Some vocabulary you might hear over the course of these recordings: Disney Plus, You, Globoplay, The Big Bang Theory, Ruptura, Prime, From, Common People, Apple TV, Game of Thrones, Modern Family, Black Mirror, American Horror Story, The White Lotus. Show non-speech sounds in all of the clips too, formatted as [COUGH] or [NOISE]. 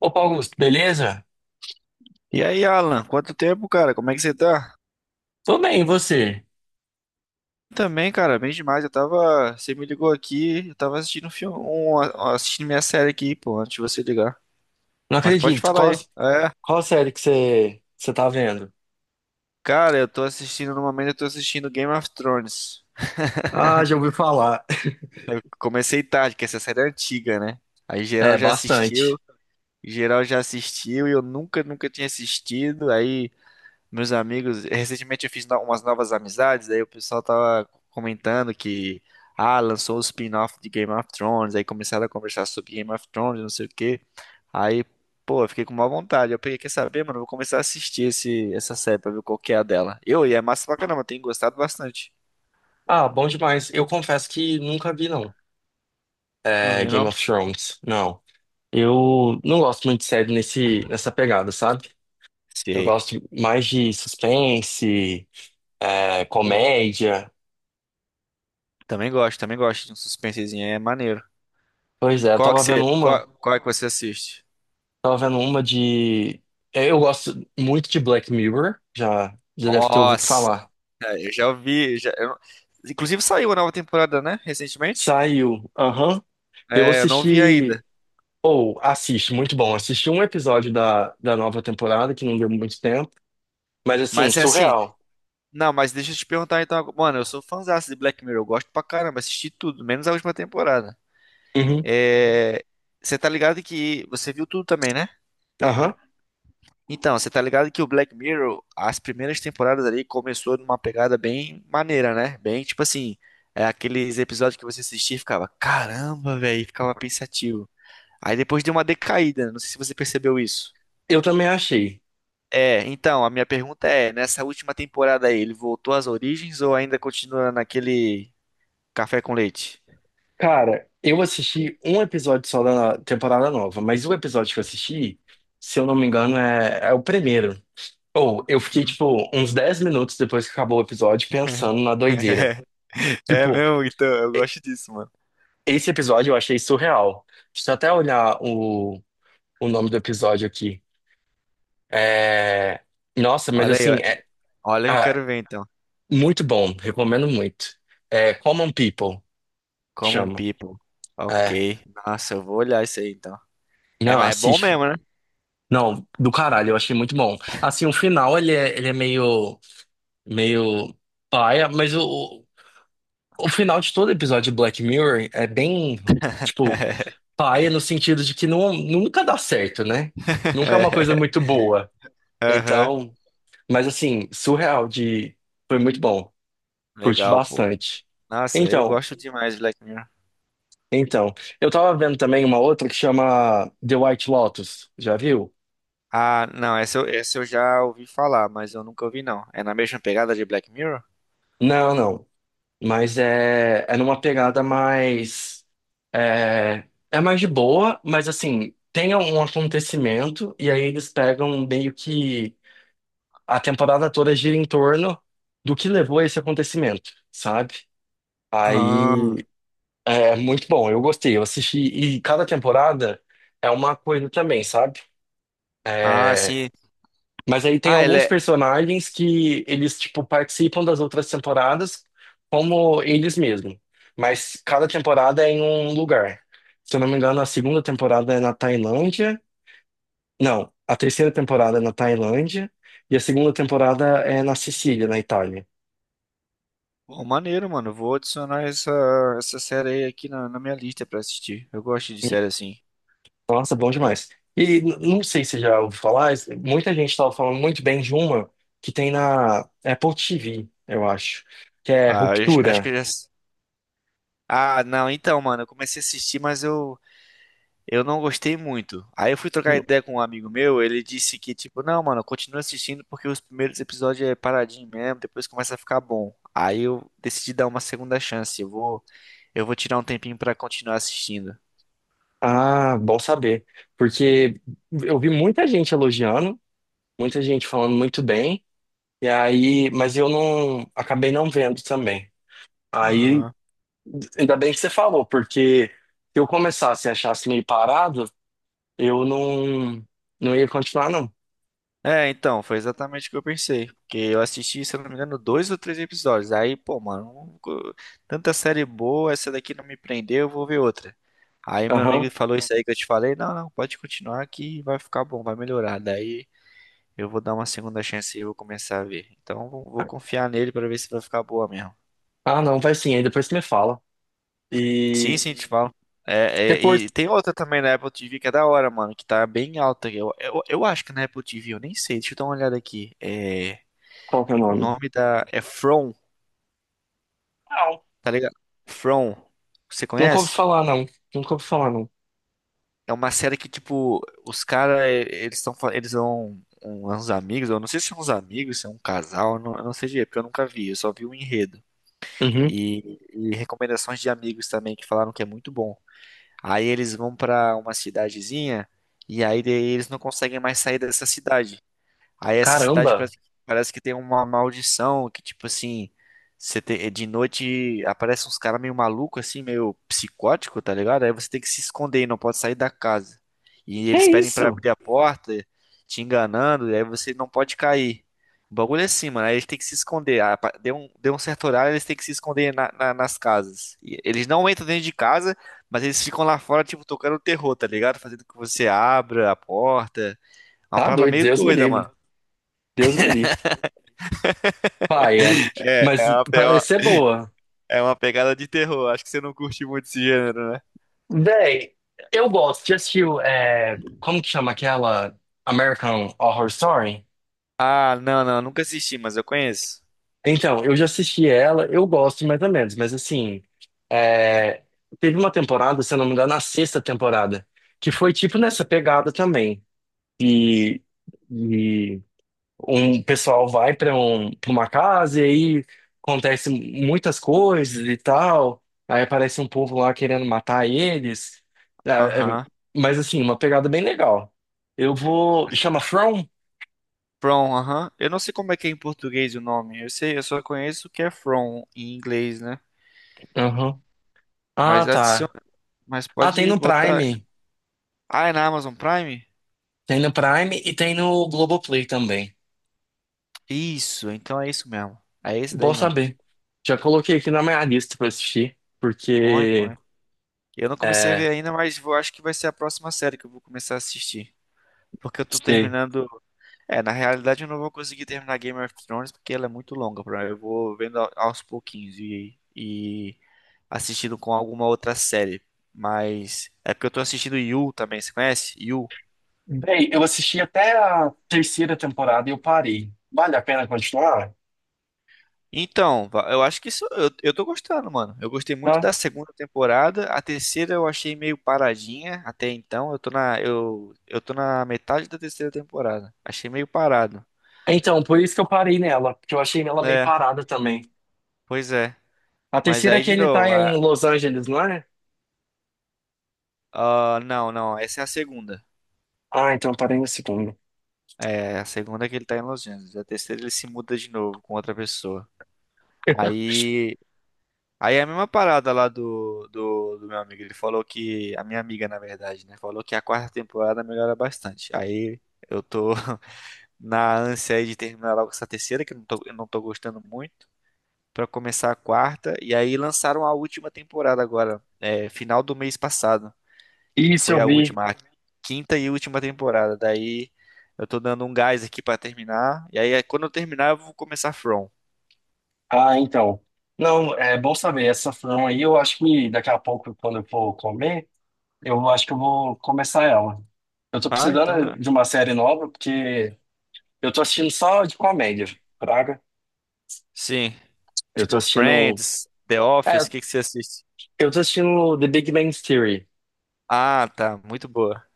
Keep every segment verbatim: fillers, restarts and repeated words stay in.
Opa, Augusto, beleza? E aí, Alan, quanto tempo, cara? Como é que você tá? Tô bem, e você? Também, cara, bem demais. Eu tava. Você me ligou aqui, eu tava assistindo um filme, um- assistindo minha série aqui, pô, antes de você ligar. Não Mas pode acredito. falar Qual, aí. É, qual série que você, você tá vendo? Cara, eu tô assistindo, no momento eu tô assistindo Game of Thrones. Ah, já ouvi falar. [LAUGHS] Comecei tarde, que essa série é antiga, né? Aí É, geral já assistiu, bastante. geral já assistiu e eu nunca, nunca tinha assistido. Aí meus amigos, recentemente eu fiz no- umas novas amizades, aí o pessoal tava comentando que, ah, lançou o spin-off de Game of Thrones, aí começaram a conversar sobre Game of Thrones, não sei o quê. Aí, pô, eu fiquei com má vontade. Eu peguei, quer saber, mano, eu vou começar a assistir esse, essa série pra ver qual que é a dela. Eu, e é massa pra caramba, eu tenho gostado bastante. Ah, bom demais. Eu confesso que nunca vi, não. Não É, viu, Game não? of Thrones, não. Eu não gosto muito de série nesse, nessa pegada, sabe? Eu Sei. gosto mais de suspense, é, Pô, comédia. também gosto, também gosto de um suspensezinho, aí, é maneiro. Pois é, eu Qual que tava você, vendo uma, qual, qual é que você assiste? tava vendo uma de... é, eu gosto muito de Black Mirror, já, já deve ter ouvido Nossa! falar. É, eu já ouvi. Já, eu não- inclusive saiu a nova temporada, né? Recentemente. Saiu. Aham. Eu É, eu não vi assisti. ainda. Ou assisto, muito bom. Assisti um episódio da, da nova temporada, que não deu muito tempo. Mas assim, Mas é assim. surreal. Não, mas deixa eu te perguntar então. Mano, eu sou fãzaço de Black Mirror. Eu gosto pra caramba. Assisti tudo, menos a última temporada. Uhum. É, você tá ligado que. Você viu tudo também, né? Aham. Então, você tá ligado que o Black Mirror, as primeiras temporadas ali, começou numa pegada bem maneira, né? Bem, tipo assim. É aqueles episódios que você assistia e ficava, caramba, velho, ficava pensativo. Aí depois deu uma decaída, não sei se você percebeu isso. Eu também achei. É, então, a minha pergunta é, nessa última temporada aí, ele voltou às origens ou ainda continua naquele café com leite? Cara, eu assisti um episódio só da temporada nova, mas o episódio que eu assisti, se eu não me engano, é, é o primeiro. Ou eu fiquei, tipo, uns dez minutos depois que acabou o episódio [LAUGHS] pensando na doideira. É Tipo, mesmo, então, eu e- gosto disso, mano. esse episódio eu achei surreal. Deixa eu até olhar o, o nome do episódio aqui. É, nossa, mas Olha aí, assim, olha, é olha que eu ah, quero ver então. muito bom, recomendo muito. É Common People, Como um chama. people. Ok. É. Nossa, eu vou olhar isso aí então. É, Não, mas é bom assiste. mesmo, né? Não, do caralho, eu achei muito bom. Assim, o final ele é, ele é meio, meio paia, mas o, o final de todo episódio de Black Mirror é bem, tipo, paia no sentido de que não, nunca dá certo, né? Nunca é uma coisa [LAUGHS] muito boa. Aham. Então, mas assim, surreal de. Foi muito bom. Curti Legal, pô. bastante. Nossa, eu Então, gosto demais de Black Mirror. então, eu tava vendo também uma outra que chama The White Lotus, já viu? Ah, não, essa eu, essa eu já ouvi falar, mas eu nunca ouvi não. É na mesma pegada de Black Mirror? Não, não, mas é, é numa pegada mais, é, é mais de boa, mas assim, tem um acontecimento e aí eles pegam meio que a temporada toda gira em torno do que levou a esse acontecimento, sabe? Ah, Aí é muito bom, eu gostei, eu assisti e cada temporada é uma coisa também, sabe? ah, sim. Mas aí tem Ah, ela alguns é. personagens que eles, tipo, participam das outras temporadas como eles mesmos. Mas cada temporada é em um lugar. Se eu não me engano, a segunda temporada é na Tailândia. Não, a terceira temporada é na Tailândia. E a segunda temporada é na Sicília, na Itália. Pô, maneiro, mano. Vou adicionar essa, essa série aí aqui na, na minha lista pra assistir. Eu gosto de série assim. Nossa, bom demais. E n- não sei se já ouviu falar, mas muita gente estava falando muito bem de uma que tem na Apple T V, eu acho, que é Ah, eu é, já- acho que Ruptura. eu já. Ah, não, então, mano, eu comecei a assistir, mas eu, eu não gostei muito. Aí eu fui trocar ideia com um amigo meu, ele disse que, tipo, não, mano, continua assistindo porque os primeiros episódios é paradinho mesmo, depois começa a ficar bom. Aí eu decidi dar uma segunda chance. Eu vou, eu vou tirar um tempinho pra continuar assistindo. Ah, bom saber. Porque eu vi muita gente elogiando, muita gente falando muito bem, e aí, mas eu não acabei não vendo também. Aí, ainda bem que você falou, porque se eu começasse e achasse meio parado, eu não, não ia continuar, não. É, então, foi exatamente o que eu pensei. Porque eu assisti, se eu não me engano, dois ou três episódios. Aí, pô, mano, um co- tanta série boa, essa daqui não me prendeu, eu vou ver outra. Aí meu Aham. amigo falou isso aí que eu te falei. Não, não, pode continuar que vai ficar bom, vai melhorar. Daí eu vou dar uma segunda chance e vou começar a ver. Então vou, vou confiar nele pra ver se vai ficar boa mesmo. Ah, não, vai sim, aí depois você me fala. Sim, E sim, te falo. Hum, É, você é, curte e tem outra também na Apple T V que é da hora, mano, que tá bem alta. Eu, eu, eu acho que na Apple T V, eu nem sei, deixa eu dar uma olhada aqui. É, qual que é o o nome? nome da. É From, Não, tá ligado? From. Você nunca ouvi conhece? falar, não. Nunca ouvi falar, não. É uma série que, tipo, os caras, eles estão. Eles são um- uns amigos, eu não sei se são uns amigos, se é um casal, eu não, eu não sei direito, porque eu nunca vi, eu só vi o enredo. Uhum. E, e recomendações de amigos também que falaram que é muito bom. Aí eles vão pra uma cidadezinha e aí daí eles não conseguem mais sair dessa cidade. Aí essa cidade Caramba, parece, parece que tem uma maldição que, tipo assim, você te- de noite aparecem uns caras meio maluco assim, meio psicótico, tá ligado? Aí você tem que se esconder e não pode sair da casa. E que eles pedem pra isso? abrir a porta, te enganando, e aí você não pode cair. O bagulho é assim, mano. Aí eles têm que se esconder. Ah, pa- deu um, deu um certo horário, eles têm que se esconder na- na- nas casas. E eles não entram dentro de casa, mas eles ficam lá fora, tipo, tocando terror, tá ligado? Fazendo que você abra a porta. Uma Tá parada doido, meio Deus me doida, livre. mano. Deus me livre. Paia, É, é mas uma, é uma, parece ser boa. é uma pegada de terror. Acho que você não curte muito esse gênero, né? Véi, eu gosto. Já assistiu, é, como que chama aquela? American Horror Story? Ah, não, não, nunca assisti, mas eu conheço. Então, eu já assisti ela, eu gosto mais ou menos, mas assim, é, teve uma temporada, se eu não me engano, na sexta temporada, que foi tipo nessa pegada também, e, um pessoal vai para um, para uma casa e aí acontece muitas coisas e tal. Aí aparece um povo lá querendo matar eles. Ah, é- Aham. Mas assim, uma pegada bem legal. Eu vou. Chama From? From, aham. Eu não sei como é que é em português o nome. Eu sei, eu só conheço o que é From em inglês, né? Aham. Ah, Mas tá. adiciona, mas Ah, tem pode no botar. Prime. Ah, é na Amazon Prime? Tem no Prime e tem no Globoplay também. Isso, então é isso mesmo. É esse Bom daí mesmo. saber. Já coloquei aqui na minha lista pra assistir, Põe, porque põe. Eu não comecei a é, ver ainda, mas vou, acho que vai ser a próxima série que eu vou começar a assistir. Porque eu tô terminando. É, na realidade eu não vou conseguir terminar Game of Thrones porque ela é muito longa, pra mim. Eu vou vendo a- aos pouquinhos e, e assistindo com alguma outra série. Mas é porque eu tô assistindo You também, você conhece? You. Bem, eu assisti até a terceira temporada e eu parei. Vale a pena continuar? Então, va- eu acho que isso eu, eu tô gostando, mano. Eu gostei muito Tá? da segunda temporada. A terceira eu achei meio paradinha até então. Eu tô na eu, eu tô na metade da terceira temporada. Achei meio parado. Então, por isso que eu parei nela, porque eu achei ela meio É, parada também. pois é. A Mas terceira é aí que de ele tá novo, em a, Los Angeles, não é? ah, não, não, essa é a segunda. Ah, então eu parei na segunda. É, a segunda é que ele tá em Los Angeles. A terceira ele se muda de novo com outra pessoa. [LAUGHS] Aí, aí é a mesma parada lá do, do, do meu amigo. Ele falou que, a minha amiga, na verdade, né? Falou que a quarta temporada melhora bastante. Aí eu tô [LAUGHS] na ânsia aí de terminar logo essa terceira, que eu não tô, eu não tô gostando muito, pra começar a quarta. E aí lançaram a última temporada agora, é, final do mês passado que Isso foi eu a vi. última, a quinta e última temporada. Daí eu tô dando um gás aqui pra terminar. E aí é, quando eu terminar, eu vou começar From. Ah, então. Não, é bom saber. Essa frão aí, eu acho que daqui a pouco, quando eu for comer, eu acho que eu vou começar ela. Eu tô Ah, então precisando é. de uma série nova, porque eu tô assistindo só de comédia, praga. Sim. Eu tô Tipo assistindo. Friends, The é Office, o que que você assiste? Eu tô assistindo The Big Bang Theory. Ah, tá, muito boa.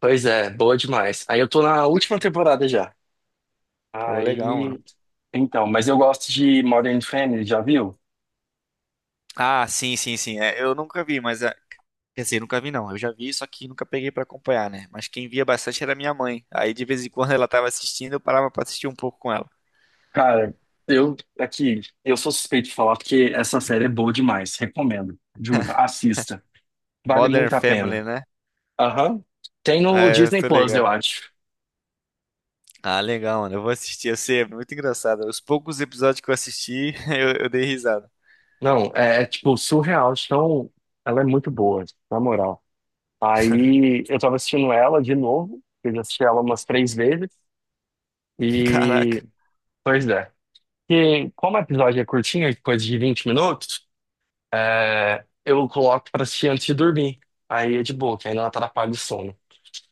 Pois é, boa demais. Aí eu tô na última temporada já. Pô, legal, mano. Aí. Então, mas eu gosto de Modern Family, já viu? Ah, sim, sim, sim. É, eu nunca vi, mas é, quer dizer, nunca vi não. Eu já vi, só que nunca peguei pra acompanhar, né? Mas quem via bastante era minha mãe. Aí de vez em quando ela tava assistindo, eu parava pra assistir um pouco com ela. Cara, eu aqui, eu sou suspeito de falar porque essa série é boa demais. Recomendo. Juro, assista. Vale Modern muito a Family, pena. né? Aham. Tem no É, eu Disney tô Plus, eu ligado. acho. Ah, legal, mano. Eu vou assistir. Eu sei, é muito engraçado. Os poucos episódios que eu assisti, [LAUGHS] eu, eu dei risada. Não, é, é, tipo surreal. Então, ela é muito boa, na moral. Aí eu tava assistindo ela de novo. Eu já assisti ela umas três vezes. Caraca. E pois é. E como o episódio é curtinho, coisa de vinte minutos, é, eu coloco pra assistir antes de dormir. Aí é de boa, que aí não atrapalha o sono.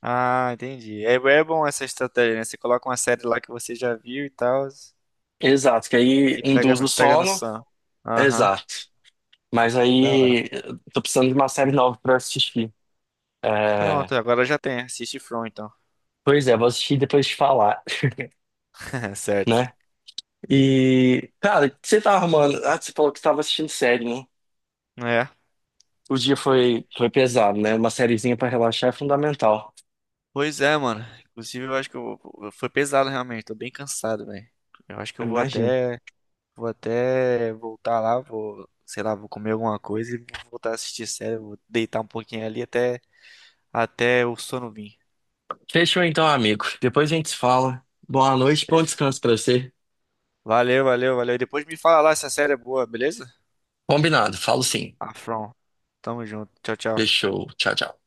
Ah, entendi. É, é bom essa estratégia, né? Você coloca uma série lá que você já viu e tal, Exato, que aí e pega, induz o no- pega no sono. sono. Aham, Exato. Mas da hora. aí eu tô precisando de uma série nova pra assistir. É, Pronto, agora já tem. Assiste From, então. pois é, vou assistir e depois te falar, [LAUGHS] Certo. né? E, cara, o que você tá arrumando? Ah, você falou que você tava assistindo série, né? É. O dia foi, foi pesado, né? Uma sériezinha pra relaxar é fundamental. Pois é, mano. Inclusive, eu acho que eu, vou- foi pesado realmente. Tô bem cansado, velho. Eu acho que Eu eu vou imagino. até vou até voltar lá, vou, sei lá, vou comer alguma coisa e vou voltar a assistir série, vou deitar um pouquinho ali até, até o sono vir. Fechou então, amigo. Depois a gente se fala. Boa noite, bom Fechou. descanso pra você. Valeu, valeu, valeu. E depois me fala lá se a série é boa, beleza? Combinado, falo sim. Afron. Tamo junto. Tchau, tchau. Fechou. Tchau, tchau.